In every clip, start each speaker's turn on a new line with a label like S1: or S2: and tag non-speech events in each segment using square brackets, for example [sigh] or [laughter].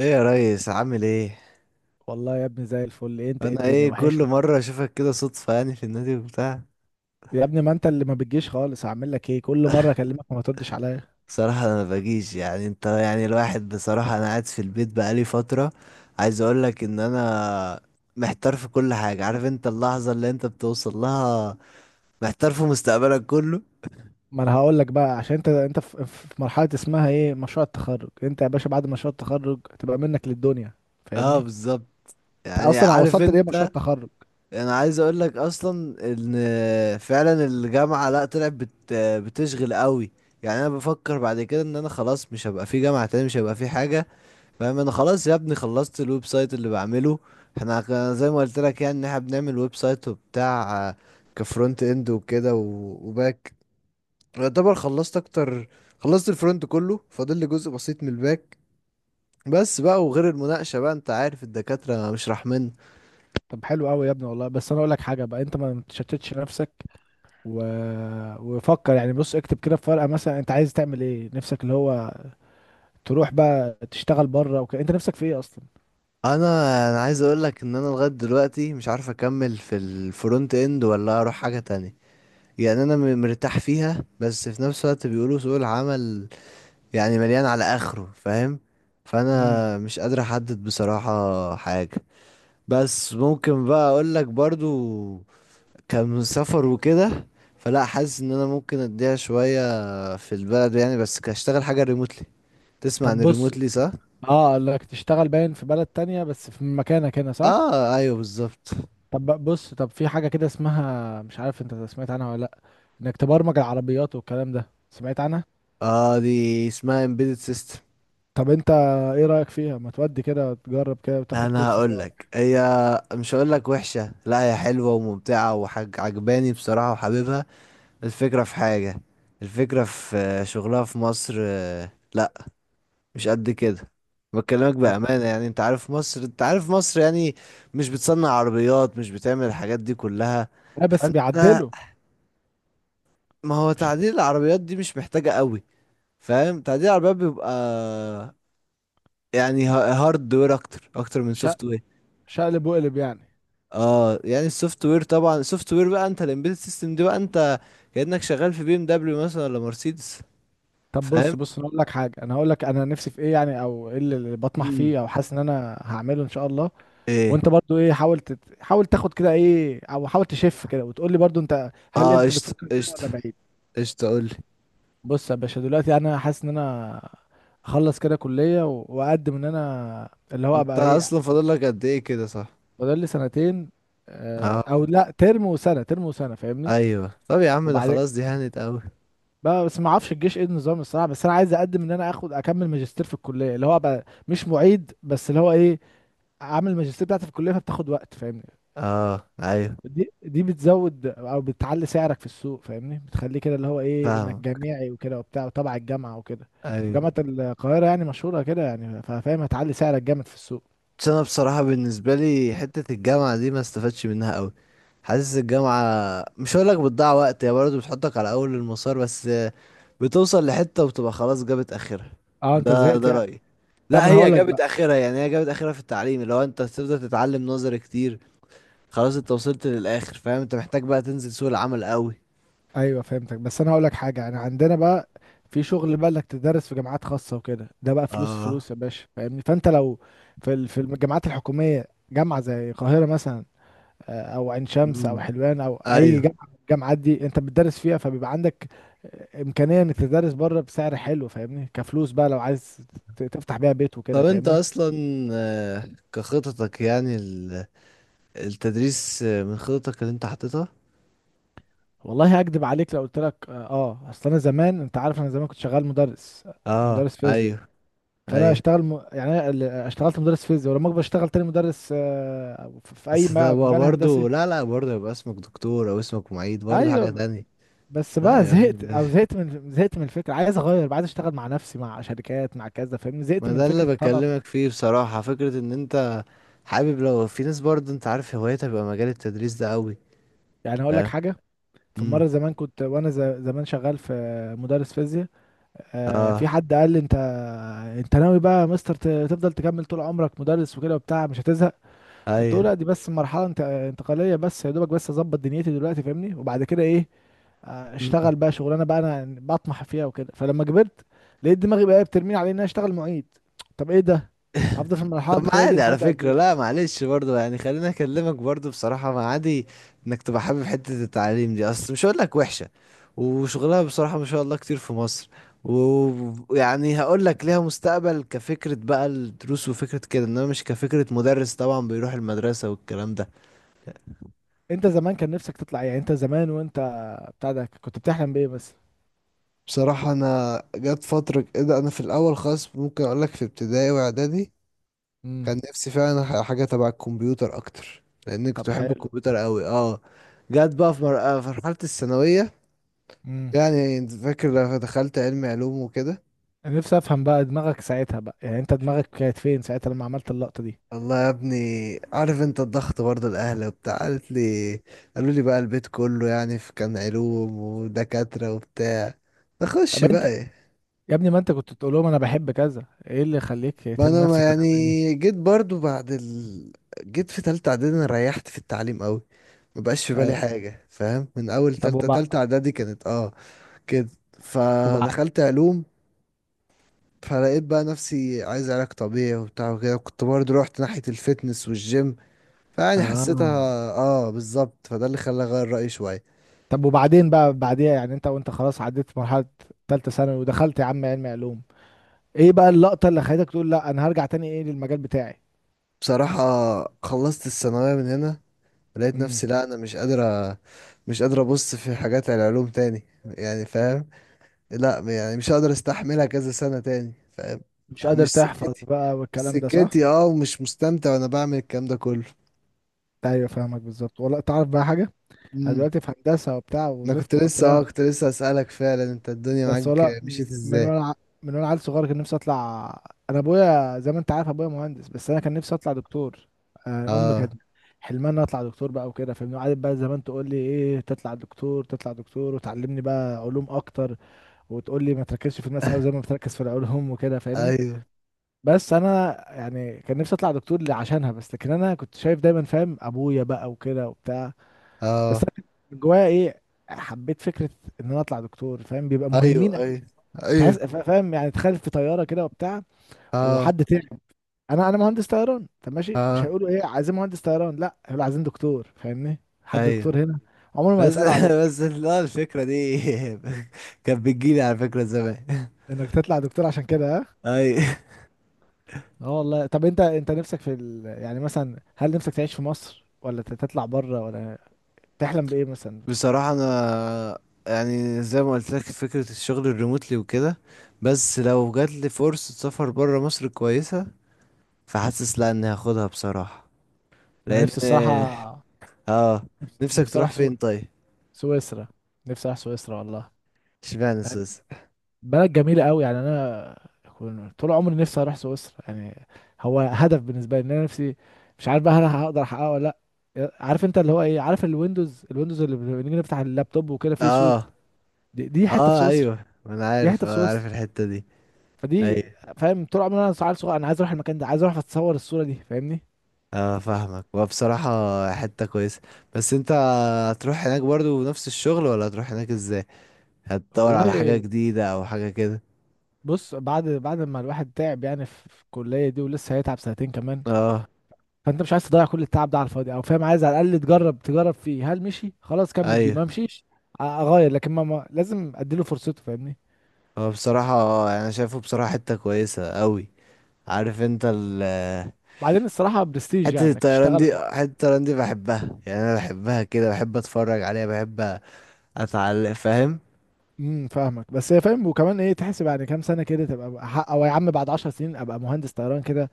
S1: ايه يا ريس، عامل ايه؟
S2: والله يا ابني، زي الفل. ايه انت؟ ايه،
S1: انا،
S2: الدنيا
S1: ايه، كل
S2: وحشني.
S1: مره اشوفك كده صدفه، يعني في النادي وبتاع.
S2: يا ابني، ما انت اللي ما بتجيش خالص، هعمل لك ايه؟ كل مره اكلمك وما تردش عليا.
S1: بصراحه انا ما باجيش، يعني انت، يعني الواحد، بصراحه انا قاعد في البيت بقالي فتره. عايز اقول لك ان انا محتار في كل حاجه، عارف انت اللحظه اللي انت بتوصل لها، محتار في مستقبلك كله.
S2: ما انا هقول لك بقى، عشان انت في مرحله اسمها ايه، مشروع التخرج. انت يا باشا بعد مشروع التخرج تبقى منك للدنيا،
S1: اه،
S2: فاهمني؟
S1: بالظبط.
S2: انت
S1: يعني
S2: اصلا
S1: عارف
S2: وصلت لايه، مشروع
S1: انت،
S2: التخرج؟
S1: انا عايز اقول لك اصلا ان فعلا الجامعة، لا طلعت بتشغل قوي. يعني انا بفكر بعد كده ان انا خلاص مش هبقى في جامعة تاني، مش هبقى في حاجة، فاهم. انا خلاص يا ابني، خلصت الويب سايت اللي بعمله. احنا زي ما قلت لك، يعني ان احنا بنعمل ويب سايت وبتاع، كفرونت اند وكده وباك. يعتبر خلصت اكتر، خلصت الفرونت كله، فاضل لي جزء بسيط من الباك. بس بقى، وغير المناقشة بقى، انت عارف الدكاترة مش رحمن.
S2: طب حلو قوي يا ابني والله، بس انا اقول لك حاجه بقى: انت ما تشتتش نفسك و... وفكر. يعني بص، اكتب كده في ورقه مثلا انت عايز تعمل ايه، نفسك اللي هو تروح بقى تشتغل بره وكده. انت نفسك في ايه اصلا؟
S1: انا انا عايز اقول لك ان انا لغاية دلوقتي مش عارف اكمل في الفرونت اند ولا اروح حاجة تانية. يعني انا مرتاح فيها، بس في نفس الوقت بيقولوا سوق العمل يعني مليان على اخره، فاهم.
S2: امم
S1: فانا مش قادر احدد بصراحة حاجة. بس ممكن بقى اقول لك برضو، كان سفر وكده، فلا، حاسس ان انا ممكن اديها شوية في البلد يعني، بس كاشتغل حاجة ريموتلي. تسمع عن
S2: طب بص،
S1: الريموتلي، صح؟
S2: اه قال لك تشتغل باين في بلد تانية بس في مكانك هنا، صح؟
S1: اه، ايوه، بالظبط.
S2: طب بص، طب في حاجة كده اسمها، مش عارف انت سمعت عنها ولا لأ، انك تبرمج العربيات والكلام ده، سمعت عنها؟
S1: اه، دي اسمها embedded system.
S2: طب انت ايه رأيك فيها؟ ما تودي كده وتجرب كده وتاخد
S1: انا
S2: كورس فيها
S1: هقول
S2: ولا
S1: لك، هي مش هقول لك وحشة، لا هي حلوة وممتعة وحاجة عجباني بصراحة وحاببها. الفكرة في حاجة، الفكرة في، شغلها في مصر، لا، مش قد كده. بكلمك
S2: حاجة؟
S1: بأمانة، يعني انت عارف مصر، انت عارف مصر، يعني مش بتصنع عربيات، مش بتعمل الحاجات دي كلها.
S2: لا بس
S1: فانت،
S2: بيعدلوا.
S1: ما هو
S2: مش
S1: تعديل العربيات دي مش محتاجة قوي، فاهم. تعديل العربيات بيبقى يعني هارد وير اكتر، اكتر من
S2: شق-
S1: سوفت وير.
S2: شقلب وقلب يعني.
S1: اه، يعني السوفت وير، طبعا السوفت وير بقى، انت الامبيدد سيستم دي بقى انت كأنك شغال في بي ام دبليو مثلا ولا مرسيدس.
S2: طب بص
S1: فاهم.
S2: بص انا اقول لك حاجة، انا هقول لك انا نفسي في ايه، يعني او ايه اللي بطمح
S1: مم.
S2: فيه، او حاسس ان انا هعمله ان شاء الله.
S1: ايه.
S2: وانت برضو ايه، حاول تاخد كده ايه، او حاول تشف كده وتقول لي برضو انت، هل
S1: اه،
S2: انت
S1: قشطة،
S2: بتفكر كده
S1: قشطة.
S2: ولا بعيد؟
S1: قشطة، قولي.
S2: بص يا باشا، دلوقتي انا حاسس ان انا اخلص كده كلية واقدم ان انا اللي هو
S1: انت
S2: ابقى ايه.
S1: اصلا فاضل لك قد ايه كده، صح؟
S2: فاضل لي سنتين،
S1: اه،
S2: او لا، ترم وسنة، ترم وسنة، فاهمني؟
S1: ايوه. طب يا عم، ده
S2: وبعدين
S1: خلاص، دي هانت قوي.
S2: بقى، بس ما اعرفش الجيش ايه النظام الصراحة، بس انا عايز اقدم ان انا اخد اكمل ماجستير في الكلية، اللي هو ابقى مش معيد بس، اللي هو ايه، عامل الماجستير بتاعتي في الكلية، فبتاخد وقت فاهمني.
S1: اه، ايوه،
S2: دي بتزود او بتعلي سعرك في السوق، فاهمني؟ بتخليه كده اللي هو ايه، انك
S1: فاهم،
S2: جامعي وكده وبتاع وتبع الجامعه وكده.
S1: ايوه.
S2: وجامعه القاهره يعني مشهوره كده، يعني فاهم هتعلي سعرك جامد في السوق.
S1: بس انا بصراحة بالنسبة لي حتة الجامعة دي ما استفدتش منها قوي. حاسس الجامعة، مش هقول لك بتضيع وقت، هي برضه بتحطك على اول المسار بس، بتوصل لحتة وبتبقى خلاص جابت اخرها.
S2: اه، انت
S1: ده
S2: زهقت
S1: ده
S2: يعني.
S1: رأيي.
S2: لا، ما
S1: لا،
S2: انا
S1: هي
S2: هقول لك
S1: جابت
S2: بقى.
S1: اخرها يعني، هي جابت اخرها في التعليم لو انت تفضل تتعلم نظري كتير. خلاص انت وصلت للاخر، فاهم. انت محتاج بقى تنزل سوق العمل قوي.
S2: ايوه فهمتك، بس انا هقول لك حاجه، يعني عندنا بقى في شغل بقى انك تدرس في جامعات خاصه وكده، ده بقى فلوس
S1: اه.
S2: فلوس يا باشا فاهمني. فانت لو في الجامعات الحكوميه، جامعه زي القاهره مثلا، او عين شمس
S1: امم
S2: او حلوان او اي
S1: ايوه.
S2: جامعه من الجامعات دي، انت بتدرس فيها فبيبقى عندك امكانيه انك تدرس بره بسعر حلو، فاهمني؟ كفلوس بقى، لو عايز تفتح بيها بيت وكده،
S1: طب انت
S2: فاهمني؟
S1: اصلا، كخططك، يعني التدريس من خططك اللي انت حاططها؟
S2: والله هكدب عليك لو قلت لك اه، اصل انا زمان، انت عارف انا زمان كنت شغال مدرس.
S1: اه،
S2: مدرس فيزياء.
S1: ايوه،
S2: فانا
S1: ايوه.
S2: اشتغل يعني أنا اشتغلت مدرس فيزياء، ولما اكبر اشتغل تاني مدرس، في
S1: بس ده
S2: في
S1: بقى
S2: مجال هندسي.
S1: برضه، لا لا، برضه يبقى اسمك دكتور او اسمك معيد، برضه حاجة
S2: ايوه.
S1: تانية.
S2: بس
S1: لا
S2: بقى
S1: يا
S2: زهقت
S1: عم،
S2: او زهقت من زهقت من الفكره، عايز اغير بقى، عايز اشتغل مع نفسي، مع شركات، مع كذا، فاهمني؟ زهقت
S1: ما
S2: من
S1: ده
S2: فكره
S1: اللي
S2: الطلب.
S1: بكلمك فيه بصراحة. فكرة ان انت حابب، لو في ناس برضه انت عارف هوايتها بيبقى مجال التدريس ده قوي.
S2: يعني هقول لك
S1: فاهم.
S2: حاجه، في
S1: امم.
S2: مره زمان كنت وانا زمان شغال في، مدرس فيزياء، في
S1: اه.
S2: حد قال لي: انت ناوي بقى يا مستر تفضل تكمل طول عمرك مدرس وكده وبتاع، مش هتزهق؟ فقلت له
S1: ايوه.
S2: لا، دي بس مرحله انت انتقاليه، بس يا دوبك بس اظبط دنيتي دلوقتي فاهمني، وبعد كده ايه،
S1: امم. [laughs]
S2: اشتغل بقى شغلانه بقى انا يعني بطمح فيها وكده. فلما كبرت لقيت دماغي بقى بترميني على ان انا اشتغل معيد. طب ايه ده، هفضل في المرحله
S1: طب، ما
S2: الانتقاليه دي
S1: عادي على
S2: لحد قد
S1: فكرة،
S2: ايه؟
S1: لا معلش، برضو يعني خليني اكلمك برضو بصراحة. ما عادي انك تبقى حابب حتة التعليم دي، اصل مش هقول لك وحشة. وشغلها بصراحة ما شاء الله كتير في مصر. ويعني هقول لك ليها مستقبل كفكرة بقى الدروس وفكرة كده، انما مش كفكرة مدرس طبعا بيروح المدرسة والكلام ده.
S2: انت زمان كان نفسك تطلع ايه؟ يعني انت زمان وانت بتاع ده كنت بتحلم بايه بس؟
S1: بصراحة انا جت فترة كده، انا في الاول خالص، ممكن اقول لك في ابتدائي واعدادي
S2: امم.
S1: كان نفسي فعلا حاجة تبع الكمبيوتر أكتر، لأن كنت
S2: طب
S1: بحب
S2: حلو.
S1: الكمبيوتر أوي. اه. جت بقى في في مرحلة الثانوية،
S2: امم.
S1: يعني أنت فاكر لما دخلت علوم وكده.
S2: انا نفسي افهم بقى دماغك ساعتها بقى، يعني انت دماغك كانت فين ساعتها لما عملت اللقطه دي؟
S1: الله يا ابني، عارف انت الضغط برضه، الأهل وبتاع قالت لي قالوا لي بقى البيت كله، يعني في كان علوم ودكاترة وبتاع، نخش
S2: طب
S1: بقى
S2: انت،
S1: ايه.
S2: يا ابني ما انت كنت تقول لهم انا بحب كذا، ايه اللي يخليك
S1: بقى
S2: ترمي
S1: انا، ما
S2: نفسك كده؟
S1: يعني، جيت برضه بعد جيت في تالتة إعدادي، أنا ريحت في التعليم أوي. مبقاش في بالي
S2: ايوه.
S1: حاجة، فاهم. من أول
S2: طب
S1: تالتة
S2: وبعد
S1: تالتة إعدادي، كانت، اه، كده.
S2: وبعد
S1: فدخلت علوم. فلقيت بقى نفسي عايز علاج طبيعي وبتاع وكده، كنت برضه رحت ناحية الفتنس والجيم. فيعني حسيتها.
S2: اه.
S1: اه، بالظبط، فده اللي خلاني اغير رأيي شوية.
S2: طب وبعدين بقى بعديها، يعني انت وانت خلاص عديت مرحلة تالتة ثانوي ودخلت يا عم علم علوم، ايه بقى اللقطة اللي خلتك تقول لا انا هرجع تاني ايه للمجال بتاعي؟
S1: بصراحة خلصت الثانوية من هنا، لقيت
S2: امم.
S1: نفسي، لا انا مش قادرة، مش قادر ابص في حاجات العلوم تاني، يعني فاهم. لا، يعني مش هقدر استحملها كذا سنة تاني، فاهم.
S2: مش قادر
S1: مش
S2: تحفظ
S1: سكتي،
S2: بقى
S1: مش
S2: والكلام ده، صح؟
S1: سكتي، اه، ومش مستمتع وانا بعمل الكلام ده كله.
S2: ايوه، فاهمك بالظبط. والله تعرف بقى حاجة، انا دلوقتي في هندسة وبتاع،
S1: انا كنت
S2: وزفت
S1: لسه،
S2: وقطران،
S1: اسالك فعلا، انت الدنيا
S2: بس
S1: معاك
S2: ولا،
S1: مشيت
S2: من
S1: ازاي؟
S2: وانا ع- من وانا عيل صغير كان نفسي اطلع. انا ابويا، زي ما انت عارف، ابويا مهندس، بس انا كان نفسي اطلع دكتور. آه، امي
S1: اه
S2: كانت حلمها ان أنا اطلع دكتور بقى وكده، فاهمني؟ قعدت بقى زمان تقول لي ايه، تطلع دكتور تطلع دكتور، وتعلمني بقى علوم اكتر، وتقول لي ما تركزش في الماس قوي زي
S1: [laughs]
S2: ما بتركز في العلوم وكده، فاهمني؟
S1: ايوه.
S2: بس انا يعني كان نفسي اطلع دكتور عشانها بس، لكن انا كنت شايف دايما، فاهم، ابويا بقى وكده وبتاع. بس
S1: اه،
S2: انا كنت من جوايا ايه، حبيت فكرة ان انا اطلع دكتور، فاهم بيبقى
S1: ايوه،
S2: مهمين.
S1: ايوه،
S2: تحس،
S1: ايوه.
S2: فاهم؟ يعني تخيل في طياره كده وبتاع،
S1: اه،
S2: وحد تعب. انا مهندس طيران، طب ماشي، مش
S1: اه،
S2: هيقولوا ايه، عايزين مهندس طيران؟ لا، هيقولوا عايزين دكتور، فاهمني؟ حد دكتور
S1: ايوه،
S2: هنا. عمرهم ما
S1: بس [laughs]
S2: يسالوا عليك
S1: بس، لا، الفكره دي [laughs] كانت بتجيلي على فكره زمان. [laughs]
S2: انك تطلع دكتور عشان كده، ها.
S1: اي.
S2: اه والله. طب انت نفسك في يعني مثلا هل نفسك تعيش في مصر، ولا تطلع بره، ولا تحلم بايه مثلا؟
S1: بصراحه انا، يعني زي ما قلت لك فكره الشغل الريموتلي وكده، بس لو جات لي فرصه سفر بره مصر كويسه، فحاسس لا، اني هاخدها بصراحه،
S2: انا
S1: لان.
S2: نفسي الصراحه،
S1: اه. نفسك
S2: نفسي
S1: تروح
S2: اروح
S1: فين، طيب؟
S2: سويسرا. نفسي اروح سويسرا والله.
S1: اشمعنى سوسة؟
S2: بلد جميلة قوي يعني، انا طول عمري نفسي اروح سويسرا يعني. هو هدف بالنسبة لي، ان انا نفسي، مش عارف بقى هل هقدر احققه ولا لا. عارف انت اللي هو ايه، عارف الويندوز اللي بنيجي نفتح اللابتوب وكده فيه صورة،
S1: اه،
S2: دي حتة في
S1: اه،
S2: سويسرا.
S1: ايوه، انا
S2: دي
S1: عارف
S2: حتة في
S1: اه
S2: سويسرا.
S1: عارف الحتة دي،
S2: فدي،
S1: ايوه.
S2: فاهم، طول عمري انا عيل صغير انا عايز اروح المكان ده، عايز اروح اتصور الصورة دي، فاهمني.
S1: اه، فاهمك، وبصراحة حتة كويسة. بس انت هتروح هناك برضو نفس الشغل، ولا هتروح هناك ازاي؟ هتدور على
S2: والله
S1: حاجة جديدة او حاجة كده؟
S2: بص، بعد ما الواحد تعب يعني في الكلية دي، ولسه هيتعب سنتين كمان،
S1: اه،
S2: فانت مش عايز تضيع كل التعب ده على الفاضي، او فاهم، عايز على الاقل تجرب فيه، هل مشي خلاص كمل بيه،
S1: ايوه.
S2: ما مشيش اغير، لكن ما لازم اديله فرصته، فاهمني؟
S1: هو بصراحة، انا شايفه بصراحة حتة كويسة قوي. عارف انت
S2: بعدين الصراحه برستيج،
S1: حتة
S2: يعني انك
S1: الطيران
S2: تشتغل
S1: دي، حتة الطيران دي بحبها، يعني انا بحبها كده، بحب اتفرج عليها، بحب اتعلق، فاهم.
S2: امم. فاهمك. بس هي، فاهم، وكمان ايه، تحسب يعني كام سنه كده تبقى حق، او يا عم بعد 10 سنين ابقى مهندس طيران كده،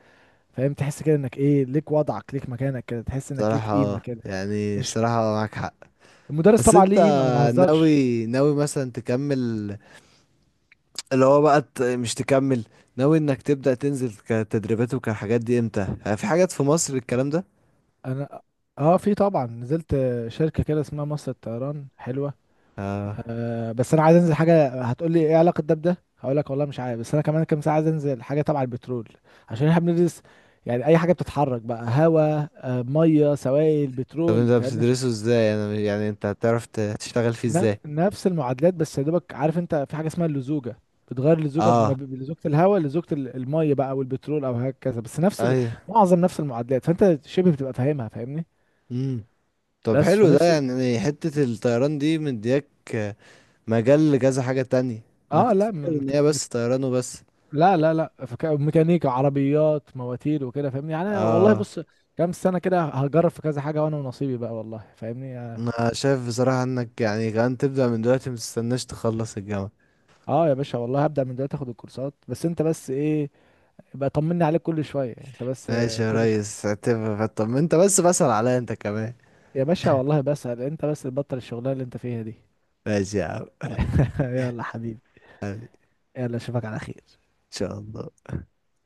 S2: فاهم؟ تحس كده انك ايه، ليك وضعك، ليك مكانك كده، تحس انك ليك
S1: بصراحة،
S2: قيمه
S1: اه،
S2: كده.
S1: يعني
S2: مش
S1: بصراحة معاك حق.
S2: المدرس
S1: بس
S2: طبعا
S1: انت
S2: ليه قيمه، ما بهزرش.
S1: ناوي، ناوي مثلا تكمل، اللي هو بقى مش تكمل. ناوي انك تبدأ تنزل كتدريبات وكحاجات دي امتى، في حاجات في مصر الكلام ده؟
S2: انا اه في طبعا، نزلت شركه كده اسمها مصر الطيران، حلوه.
S1: اه.
S2: أه، بس انا عايز انزل حاجه، هتقول لي ايه علاقه ده بده، هقول لك والله مش عارف، بس انا كمان كام ساعه عايز انزل حاجه تبع البترول، عشان احنا بندرس، يعني اي حاجه بتتحرك بقى، هواء، ميه، سوائل،
S1: طب
S2: بترول،
S1: انت
S2: فاهمني؟
S1: بتدرسه ازاي؟ انا يعني انت هتعرف تشتغل فيه ازاي؟
S2: نفس المعادلات، بس يا دوبك، عارف انت في حاجه اسمها اللزوجه، بتغير اللزوجه
S1: اه،
S2: بلزوجه الهواء، لزوجه الميه بقى، او البترول، او هكذا، بس نفس
S1: ايوه.
S2: معظم نفس المعادلات، فانت شبه بتبقى فاهمها، فاهمني؟
S1: امم. طب
S2: بس
S1: حلو، ده
S2: فنفسي.
S1: يعني حتة الطيران دي مدياك، اه، مجال لكذا حاجة تانية. انا
S2: اه،
S1: كنت
S2: لا
S1: فاكر ان هي بس طيران وبس.
S2: لا لا لا. ميكانيكا عربيات، مواتير، وكده، فاهمني؟ يعني انا والله
S1: اه.
S2: بص، كام سنه كده هجرب في كذا حاجه، وانا ونصيبي بقى والله، فاهمني. اه.
S1: انا شايف بصراحة انك يعني كمان تبدأ من دلوقتي، متستناش تخلص الجامعة.
S2: آه يا باشا والله، هبدا من دلوقتي اخد الكورسات، بس انت بس ايه، بقى طمني عليك كل شويه، انت بس
S1: ماشي يا
S2: كل شويه.
S1: ريس، اعتبر. طب ما انت بس بسأل عليا انت كمان.
S2: يا باشا والله بسأل، انت بس تبطل الشغلانه اللي انت فيها دي.
S1: ماشي يا عم. [laughs] حبيبي،
S2: [laughs] يلا حبيبي.
S1: ان
S2: يلا اشوفك على خير.
S1: شاء الله.